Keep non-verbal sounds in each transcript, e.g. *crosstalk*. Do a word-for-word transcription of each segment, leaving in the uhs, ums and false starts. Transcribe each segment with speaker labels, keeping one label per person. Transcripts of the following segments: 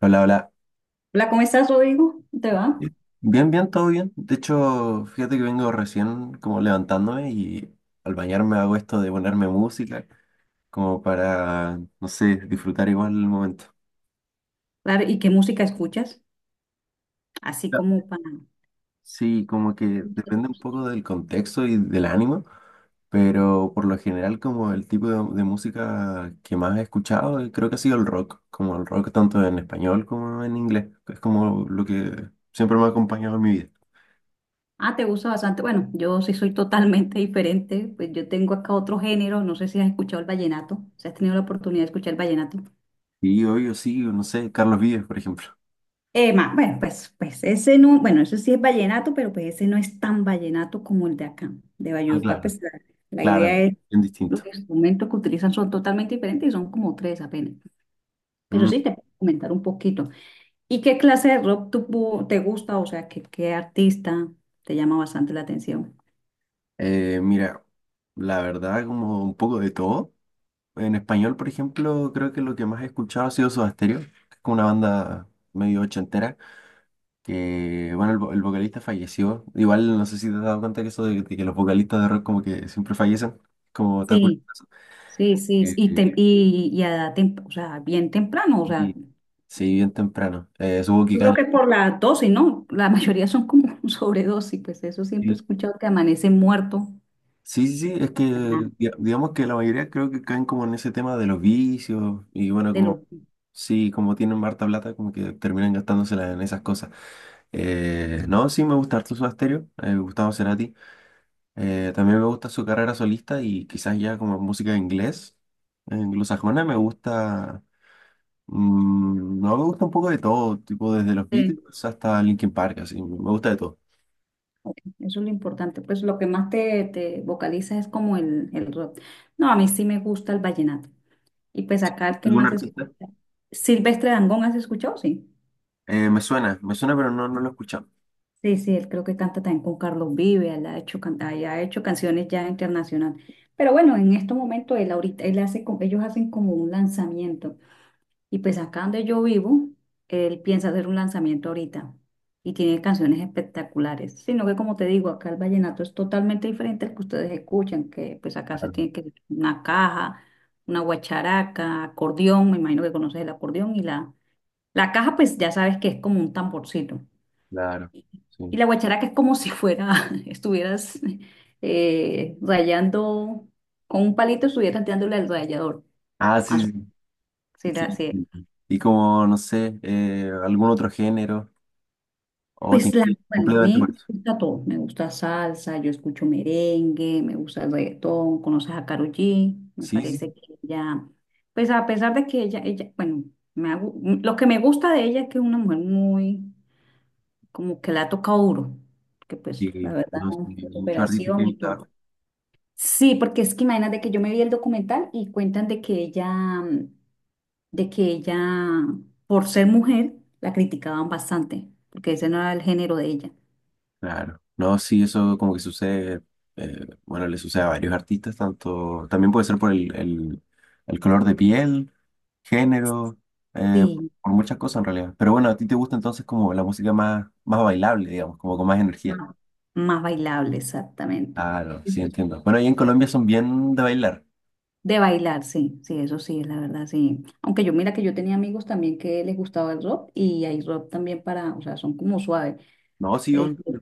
Speaker 1: Hola, hola.
Speaker 2: Hola, ¿cómo estás, Rodrigo? ¿Cómo ¿Te va?
Speaker 1: Bien, bien, todo bien. De hecho, fíjate que vengo recién como levantándome y al bañarme hago esto de ponerme música como para, no sé, disfrutar igual el momento.
Speaker 2: Claro, ¿y qué música escuchas? Así
Speaker 1: Claro.
Speaker 2: como para...
Speaker 1: Sí, como que depende un poco del contexto y del ánimo, pero por lo general como el tipo de, de música que más he escuchado eh, creo que ha sido el rock, como el rock tanto en español como en inglés. Es como lo que siempre me ha acompañado en mi vida.
Speaker 2: Ah, te gusta bastante. Bueno, yo sí soy totalmente *laughs* diferente. Pues yo tengo acá otro género. No sé si has escuchado el vallenato. Si has tenido la oportunidad de escuchar el vallenato.
Speaker 1: Y hoy yo sí, no sé, Carlos Vives, por ejemplo.
Speaker 2: Eh, ma, bueno, pues, pues ese no... Bueno, eso sí es vallenato, pero pues ese no es tan vallenato como el de acá, de
Speaker 1: Ah,
Speaker 2: Valledupar.
Speaker 1: claro,
Speaker 2: Pues la, la idea
Speaker 1: claro,
Speaker 2: es...
Speaker 1: bien
Speaker 2: Los
Speaker 1: distinto.
Speaker 2: instrumentos que utilizan son totalmente diferentes y son como tres apenas. Pero
Speaker 1: Mm.
Speaker 2: sí, te puedo comentar un poquito. ¿Y qué clase de rock tú te gusta? O sea, ¿qué, qué artista te llama bastante la atención?
Speaker 1: Eh, mira, la verdad, como un poco de todo. En español, por ejemplo, creo que lo que más he escuchado ha sido Soda Stereo, que es como una banda medio ochentera, que, bueno, el, vo- el vocalista falleció. Igual, no sé si te has dado cuenta que eso de, de que los vocalistas de rock como que siempre fallecen, como está
Speaker 2: Sí,
Speaker 1: curioso.
Speaker 2: sí, sí.
Speaker 1: Eh,
Speaker 2: Y,
Speaker 1: eh,
Speaker 2: tem- y, y a edad tem- o sea, bien temprano, o sea,
Speaker 1: y
Speaker 2: yo
Speaker 1: sí, bien temprano. Eh, supongo que
Speaker 2: creo
Speaker 1: gana.
Speaker 2: que por la dosis, ¿no? La mayoría son como *laughs* sobredosis, pues eso siempre he
Speaker 1: Sí.
Speaker 2: escuchado que amanece muerto.
Speaker 1: Sí, sí, sí, es que
Speaker 2: Ajá.
Speaker 1: diga- digamos que la mayoría creo que caen como en ese tema de los vicios y bueno,
Speaker 2: De
Speaker 1: como
Speaker 2: lo,
Speaker 1: sí, como tienen harta plata, como que terminan gastándosela en esas cosas. Eh, no, sí, me gusta harto su Stereo, eh, Gustavo Cerati. Eh, también me gusta su carrera solista y quizás ya como música en inglés, eh, anglosajona, me gusta, mm, no, me gusta un poco de todo, tipo desde los
Speaker 2: sí,
Speaker 1: Beatles hasta Linkin Park, así, me gusta de todo.
Speaker 2: ok, eso es lo importante. Pues lo que más te, te vocaliza es como el, el rock. No, a mí sí me gusta el vallenato. Y pues acá el que
Speaker 1: ¿Algún
Speaker 2: más escucha.
Speaker 1: artista?
Speaker 2: Silvestre Dangond, ¿has escuchado? Sí.
Speaker 1: Eh, me suena, me suena, pero no, no lo he escuchado.
Speaker 2: Sí, sí, él creo que canta también con Carlos Vives, él ha hecho, can- ah, ya ha hecho canciones ya internacional. Pero bueno, en estos momentos él ahorita, él hace, co- ellos hacen como un lanzamiento. Y pues acá donde yo vivo, él piensa hacer un lanzamiento ahorita. Y tiene canciones espectaculares. Sino que como te digo, acá el vallenato es totalmente diferente al que ustedes escuchan, que pues acá se
Speaker 1: Claro,
Speaker 2: tiene que una caja, una guacharaca, acordeón, me imagino que conoces el acordeón y la, la caja pues ya sabes que es como un tamborcito.
Speaker 1: claro.
Speaker 2: Y
Speaker 1: Sí.
Speaker 2: la guacharaca es como si fuera, *laughs* estuvieras eh, rayando, con un palito estuvieras dándole al rallador.
Speaker 1: Ah,
Speaker 2: Más
Speaker 1: sí,
Speaker 2: o-
Speaker 1: sí,
Speaker 2: sí, la-
Speaker 1: sí,
Speaker 2: sí.
Speaker 1: sí, sí. Y como, no sé, eh, algún otro género, o te
Speaker 2: Pues la,
Speaker 1: inclinas
Speaker 2: bueno, a
Speaker 1: completamente
Speaker 2: mí
Speaker 1: por eso.
Speaker 2: me gusta todo. Me gusta salsa, yo escucho merengue, me gusta el reggaetón, conoces a Karol G. Me
Speaker 1: Sí,
Speaker 2: parece
Speaker 1: sí,
Speaker 2: que ella, pues a pesar de que ella, ella, bueno, me ha gu- lo que me gusta de ella es que es una mujer muy, como que la ha tocado duro, que pues la
Speaker 1: sí,
Speaker 2: verdad,
Speaker 1: no sí
Speaker 2: de
Speaker 1: muchos artistas que
Speaker 2: superación y
Speaker 1: trabajo.
Speaker 2: todo. Sí, porque es que imagínate que yo me vi el documental y cuentan de que ella, mm, de que ella, por ser mujer, la criticaban bastante, porque ese no era el género de ella.
Speaker 1: Claro, no, sí, eso como que sucede, eh, bueno, le sucede a varios artistas, tanto, también puede ser por el, el, el color de piel, género, eh,
Speaker 2: Sí,
Speaker 1: por muchas cosas en realidad. Pero bueno, a ti te gusta entonces como la música más, más bailable, digamos, como con más energía.
Speaker 2: más, más bailable, exactamente.
Speaker 1: Claro, sí, entiendo. Bueno, ahí en Colombia son bien de bailar.
Speaker 2: De bailar, sí, sí, eso sí, es la verdad, sí. Aunque yo mira que yo tenía amigos también que les gustaba el rock y hay rock también para, o sea, son como suaves.
Speaker 1: No, sí, obvio.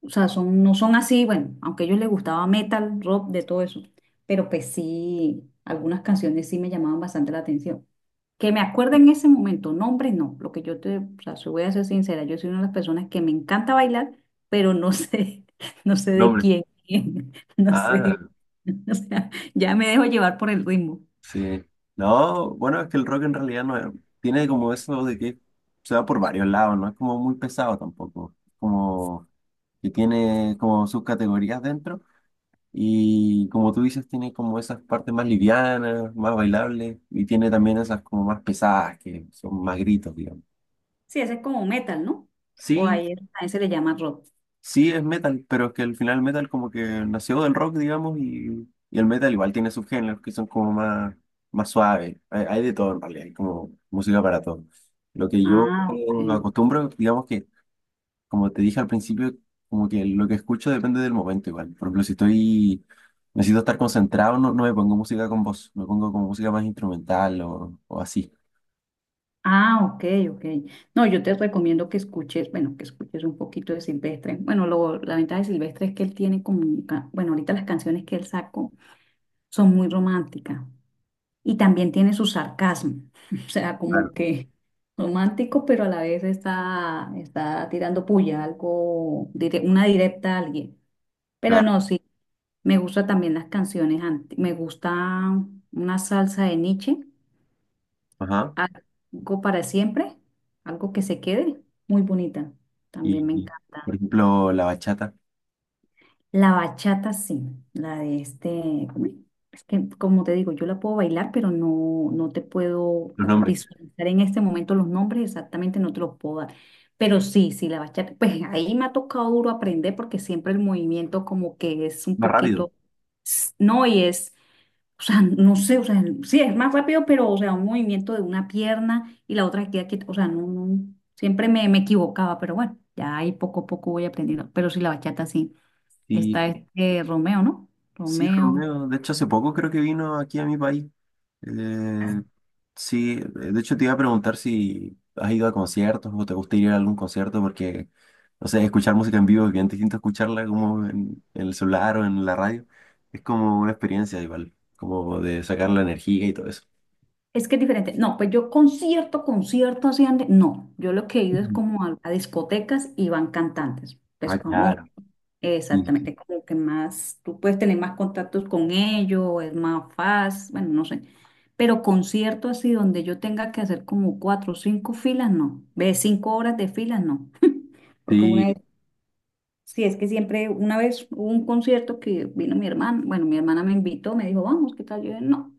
Speaker 2: O sea, son, no son así, bueno, aunque a ellos les gustaba metal, rock, de todo eso. Pero pues sí, algunas canciones sí me llamaban bastante la atención. Que me acuerde en ese momento, nombres no. Lo que yo te, o sea, se- voy a ser sincera, yo soy una de las personas que me encanta bailar, pero no sé, *laughs* no sé
Speaker 1: No,
Speaker 2: de
Speaker 1: hombre.
Speaker 2: quién, quién, *laughs* no sé.
Speaker 1: Ah,
Speaker 2: *laughs* O sea, ya me dejo llevar por el ritmo.
Speaker 1: sí. No, bueno, es que el rock en realidad no es- tiene como eso de que se va por varios lados, no es como muy pesado tampoco. Como que tiene como sus categorías dentro y como tú dices, tiene como esas partes más livianas, más bailables y tiene también esas como más pesadas que son más gritos, digamos.
Speaker 2: Sí, ese es como metal, ¿no? O
Speaker 1: Sí,
Speaker 2: ahí es- a ese le llama rock.
Speaker 1: sí, es metal, pero es que al final el metal como que nació del rock, digamos, y, y el metal igual tiene subgéneros que son como más, más suaves. Hay, hay de todo en realidad, hay como música para todo. Lo que yo
Speaker 2: Ah, ok.
Speaker 1: acostumbro, digamos que, como te dije al principio, como que lo que escucho depende del momento igual. Por ejemplo, si estoy, necesito estar concentrado, no, no me pongo música con voz, me pongo como música más instrumental o, o así.
Speaker 2: Ah, ok, ok. No, yo te recomiendo que escuches, bueno, que escuches un poquito de Silvestre. Bueno, lo, la ventaja de Silvestre es que él tiene como, un ca- bueno, ahorita las canciones que él sacó son muy románticas y también tiene su sarcasmo, *laughs* o sea,
Speaker 1: Claro,
Speaker 2: como que romántico, pero a la vez está, está tirando puya, algo, dire- una directa a alguien. Pero
Speaker 1: claro.
Speaker 2: no, sí, me gustan también las canciones, ant- me gusta una salsa de Nietzsche.
Speaker 1: Ajá.
Speaker 2: Algo para siempre, algo que se quede, muy bonita. También me
Speaker 1: Y, por
Speaker 2: encanta.
Speaker 1: ejemplo, la bachata,
Speaker 2: La bachata, sí, la de este, ¿cómo es? Es que como te digo, yo la puedo bailar, pero no, no te puedo o
Speaker 1: los
Speaker 2: sea,
Speaker 1: nombres,
Speaker 2: visualizar en este momento los nombres exactamente, no te los puedo dar. Pero sí, sí, la bachata, pues ahí me ha tocado duro aprender porque siempre el movimiento como que es un
Speaker 1: más rápido.
Speaker 2: poquito, no, y es o sea, no sé, o sea, sí, es más rápido, pero, o sea, un movimiento de una pierna y la otra que queda quieta. O sea, no, no, siempre me, me equivocaba, pero bueno, ya ahí poco a poco voy aprendiendo. Pero sí, la bachata sí.
Speaker 1: Sí.
Speaker 2: Está este Romeo, ¿no?
Speaker 1: Sí,
Speaker 2: Romeo.
Speaker 1: Romeo, de hecho hace poco creo que vino aquí a mi país. Eh, sí, de hecho te iba a preguntar si has ido a conciertos o te gusta ir a algún concierto porque, no sé, escuchar música en vivo es bien distinto a escucharla como en, en el celular o en la radio. Es como una experiencia igual, como de sacar la energía y todo eso.
Speaker 2: Es que es diferente. No, pues yo concierto, concierto así ande. No, yo lo que he ido es
Speaker 1: Ujú.
Speaker 2: como a, a discotecas y van cantantes, pues
Speaker 1: Ah,
Speaker 2: famosos.
Speaker 1: claro. Sí,
Speaker 2: Exactamente, como que más, tú puedes tener más contactos con ellos, es más fácil, bueno, no sé. Pero concierto así donde yo tenga que hacer como cuatro o cinco filas, no. Ve, cinco horas de filas, no. Porque una vez,
Speaker 1: sí,
Speaker 2: sí, es que siempre, una vez hubo un concierto que vino mi hermana, bueno, mi hermana me invitó, me dijo, vamos, ¿qué tal? Yo dije, no.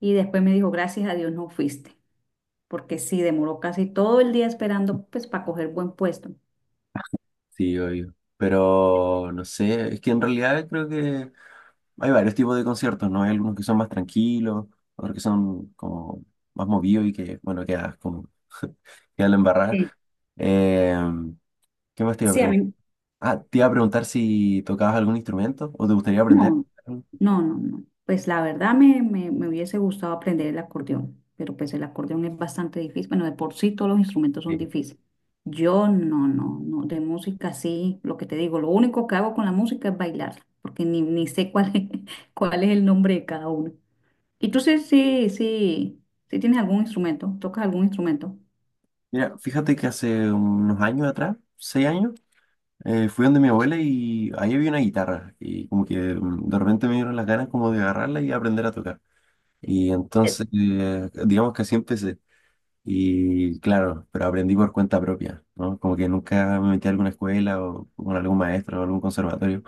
Speaker 2: Y después me dijo, gracias a Dios no fuiste, porque sí, demoró casi todo el día esperando, pues, para coger buen puesto.
Speaker 1: sí, obvio. Pero no sé, es que en realidad creo que hay varios tipos de conciertos, ¿no? Hay algunos que son más tranquilos, otros que son como más movidos y que, bueno, quedas como, *laughs* quedas la embarrada.
Speaker 2: Sí,
Speaker 1: Eh, ¿Qué más te iba a
Speaker 2: sí, a
Speaker 1: preguntar?
Speaker 2: mí,
Speaker 1: Ah, te iba a preguntar si tocabas algún instrumento o te gustaría aprender.
Speaker 2: no, no, no, no. Pues la verdad me, me, me hubiese gustado aprender el acordeón, pero pues el acordeón es bastante difícil. Bueno, de por sí todos los instrumentos son
Speaker 1: Sí.
Speaker 2: difíciles. Yo no, no, no. De música sí, lo que te digo, lo único que hago con la música es bailar, porque ni, ni sé cuál es, *laughs* cuál es el nombre de cada uno. ¿Y tú sí, sí, sí, sí tienes algún instrumento? ¿Tocas algún instrumento?
Speaker 1: Mira, fíjate que hace unos años atrás, seis años, eh, fui donde mi abuela y ahí había una guitarra y como que mm, de repente me dieron las ganas como de agarrarla y aprender a tocar. Y
Speaker 2: Eh,
Speaker 1: entonces, eh, digamos que así empecé. Y claro, pero aprendí por cuenta propia, ¿no? Como que nunca me metí a alguna escuela o con algún maestro o algún conservatorio.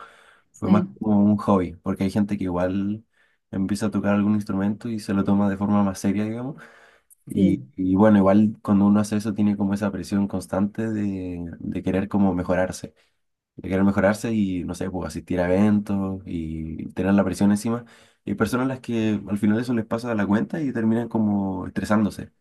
Speaker 1: Fue
Speaker 2: Sí.
Speaker 1: más como un hobby, porque hay gente que igual empieza a tocar algún instrumento y se lo toma de forma más seria, digamos. Y,
Speaker 2: Sí.
Speaker 1: y bueno, igual cuando uno hace eso tiene como esa presión constante de, de querer como mejorarse, de querer mejorarse y, no sé, pues asistir a eventos y tener la presión encima. Y hay personas a las que al final eso les pasa de la cuenta y terminan como estresándose.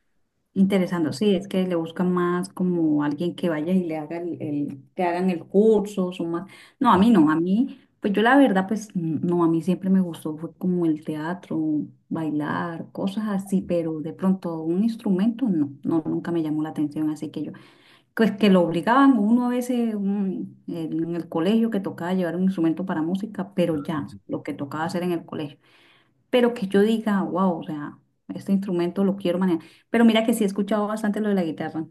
Speaker 2: Interesando, sí, es que le buscan más como alguien que vaya y le haga el, el- que hagan el curso, son más. No, a
Speaker 1: Ah,
Speaker 2: mí no, a mí, pues yo la verdad, pues n- no, a mí siempre me gustó, fue como el teatro, bailar, cosas así, pero de pronto un instrumento no, no, nunca me llamó la atención, así que yo, pues que lo obligaban uno a veces un- en el colegio que tocaba llevar un instrumento para música, pero
Speaker 1: ah, sí,
Speaker 2: ya,
Speaker 1: sí.
Speaker 2: lo que tocaba hacer en el colegio pero que yo diga, wow, o sea, este instrumento lo quiero manejar. Pero mira que sí he escuchado bastante lo de la guitarra.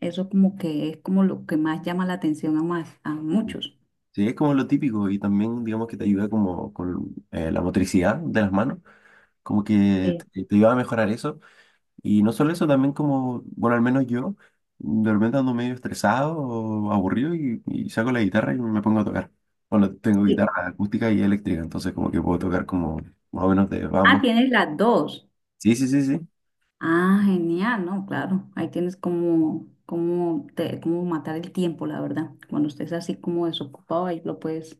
Speaker 2: Eso como que es como lo que más llama la atención a más, a muchos.
Speaker 1: Sí, es como lo típico y también digamos que te ayuda como con eh, la motricidad de las manos, como que
Speaker 2: Eh,
Speaker 1: te, te ayuda a mejorar eso. Y no solo eso, también como, bueno, al menos yo, de repente ando medio estresado o aburrido y, y saco la guitarra y me pongo a tocar. Bueno, tengo
Speaker 2: Sí.
Speaker 1: guitarra acústica y eléctrica, entonces como que puedo tocar como más o menos de
Speaker 2: Ah,
Speaker 1: ambos.
Speaker 2: tienes las dos.
Speaker 1: Sí, sí, sí, sí.
Speaker 2: Ah, genial, ¿no? Claro, ahí tienes como, como, te, como matar el tiempo, la verdad. Cuando estés así como desocupado, ahí lo puedes.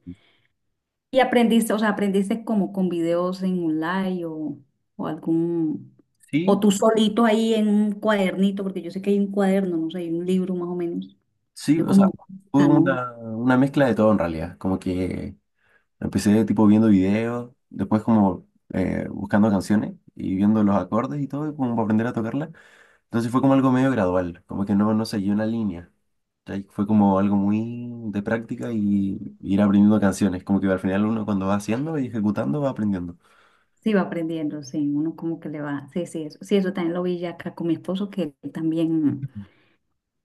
Speaker 2: ¿Y aprendiste, o sea, aprendiste como con videos en online o, o algún, o
Speaker 1: Sí,
Speaker 2: tú solito ahí en un cuadernito, porque yo sé que hay un cuaderno, no sé, hay un libro más o menos.
Speaker 1: sí,
Speaker 2: Yo
Speaker 1: o sea,
Speaker 2: como,
Speaker 1: fue
Speaker 2: ya ¿no?
Speaker 1: una, una mezcla de todo en realidad, como que... Empecé tipo viendo videos, después como eh, buscando canciones y viendo los acordes y todo, como para aprender a tocarla. Entonces fue como algo medio gradual, como que no, no seguí una línea. ¿Cachai? Fue como algo muy de práctica y ir aprendiendo canciones, como que al final uno cuando va haciendo y ejecutando va aprendiendo.
Speaker 2: Sí, va aprendiendo, sí, uno como que le va, sí, sí, eso, sí, eso también lo vi ya acá con mi esposo, que él también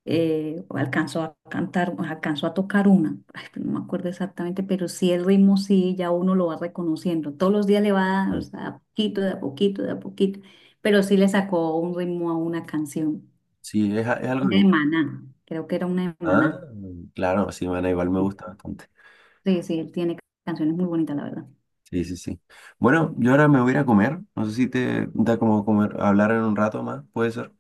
Speaker 2: eh, alcanzó a cantar, alcanzó a tocar una, ay, pero no me acuerdo exactamente, pero sí el ritmo sí, ya uno lo va reconociendo, todos los días le va, o
Speaker 1: Sí.
Speaker 2: sea, a poquito, de a poquito, de a poquito, pero sí le sacó un ritmo a una canción,
Speaker 1: Sí, es, a- es algo
Speaker 2: de
Speaker 1: bien.
Speaker 2: Maná, creo que era una de
Speaker 1: Ah,
Speaker 2: Maná.
Speaker 1: claro, sí, bueno, igual me gusta bastante.
Speaker 2: Sí, sí, él tiene canciones muy bonitas, la verdad.
Speaker 1: Sí, sí, sí. Bueno, yo ahora me voy a ir a comer. No sé si te da como comer, hablar en un rato más, puede ser.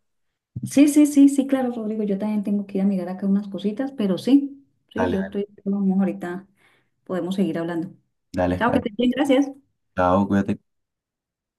Speaker 2: Sí, sí, sí, sí, claro, Rodrigo, yo también tengo que ir a mirar acá unas cositas, pero sí, sí,
Speaker 1: Dale,
Speaker 2: yo
Speaker 1: dale.
Speaker 2: estoy, vamos, ahorita podemos seguir hablando.
Speaker 1: Dale,
Speaker 2: Chao, que
Speaker 1: ahí.
Speaker 2: te bien, gracias.
Speaker 1: Chao, cuídate.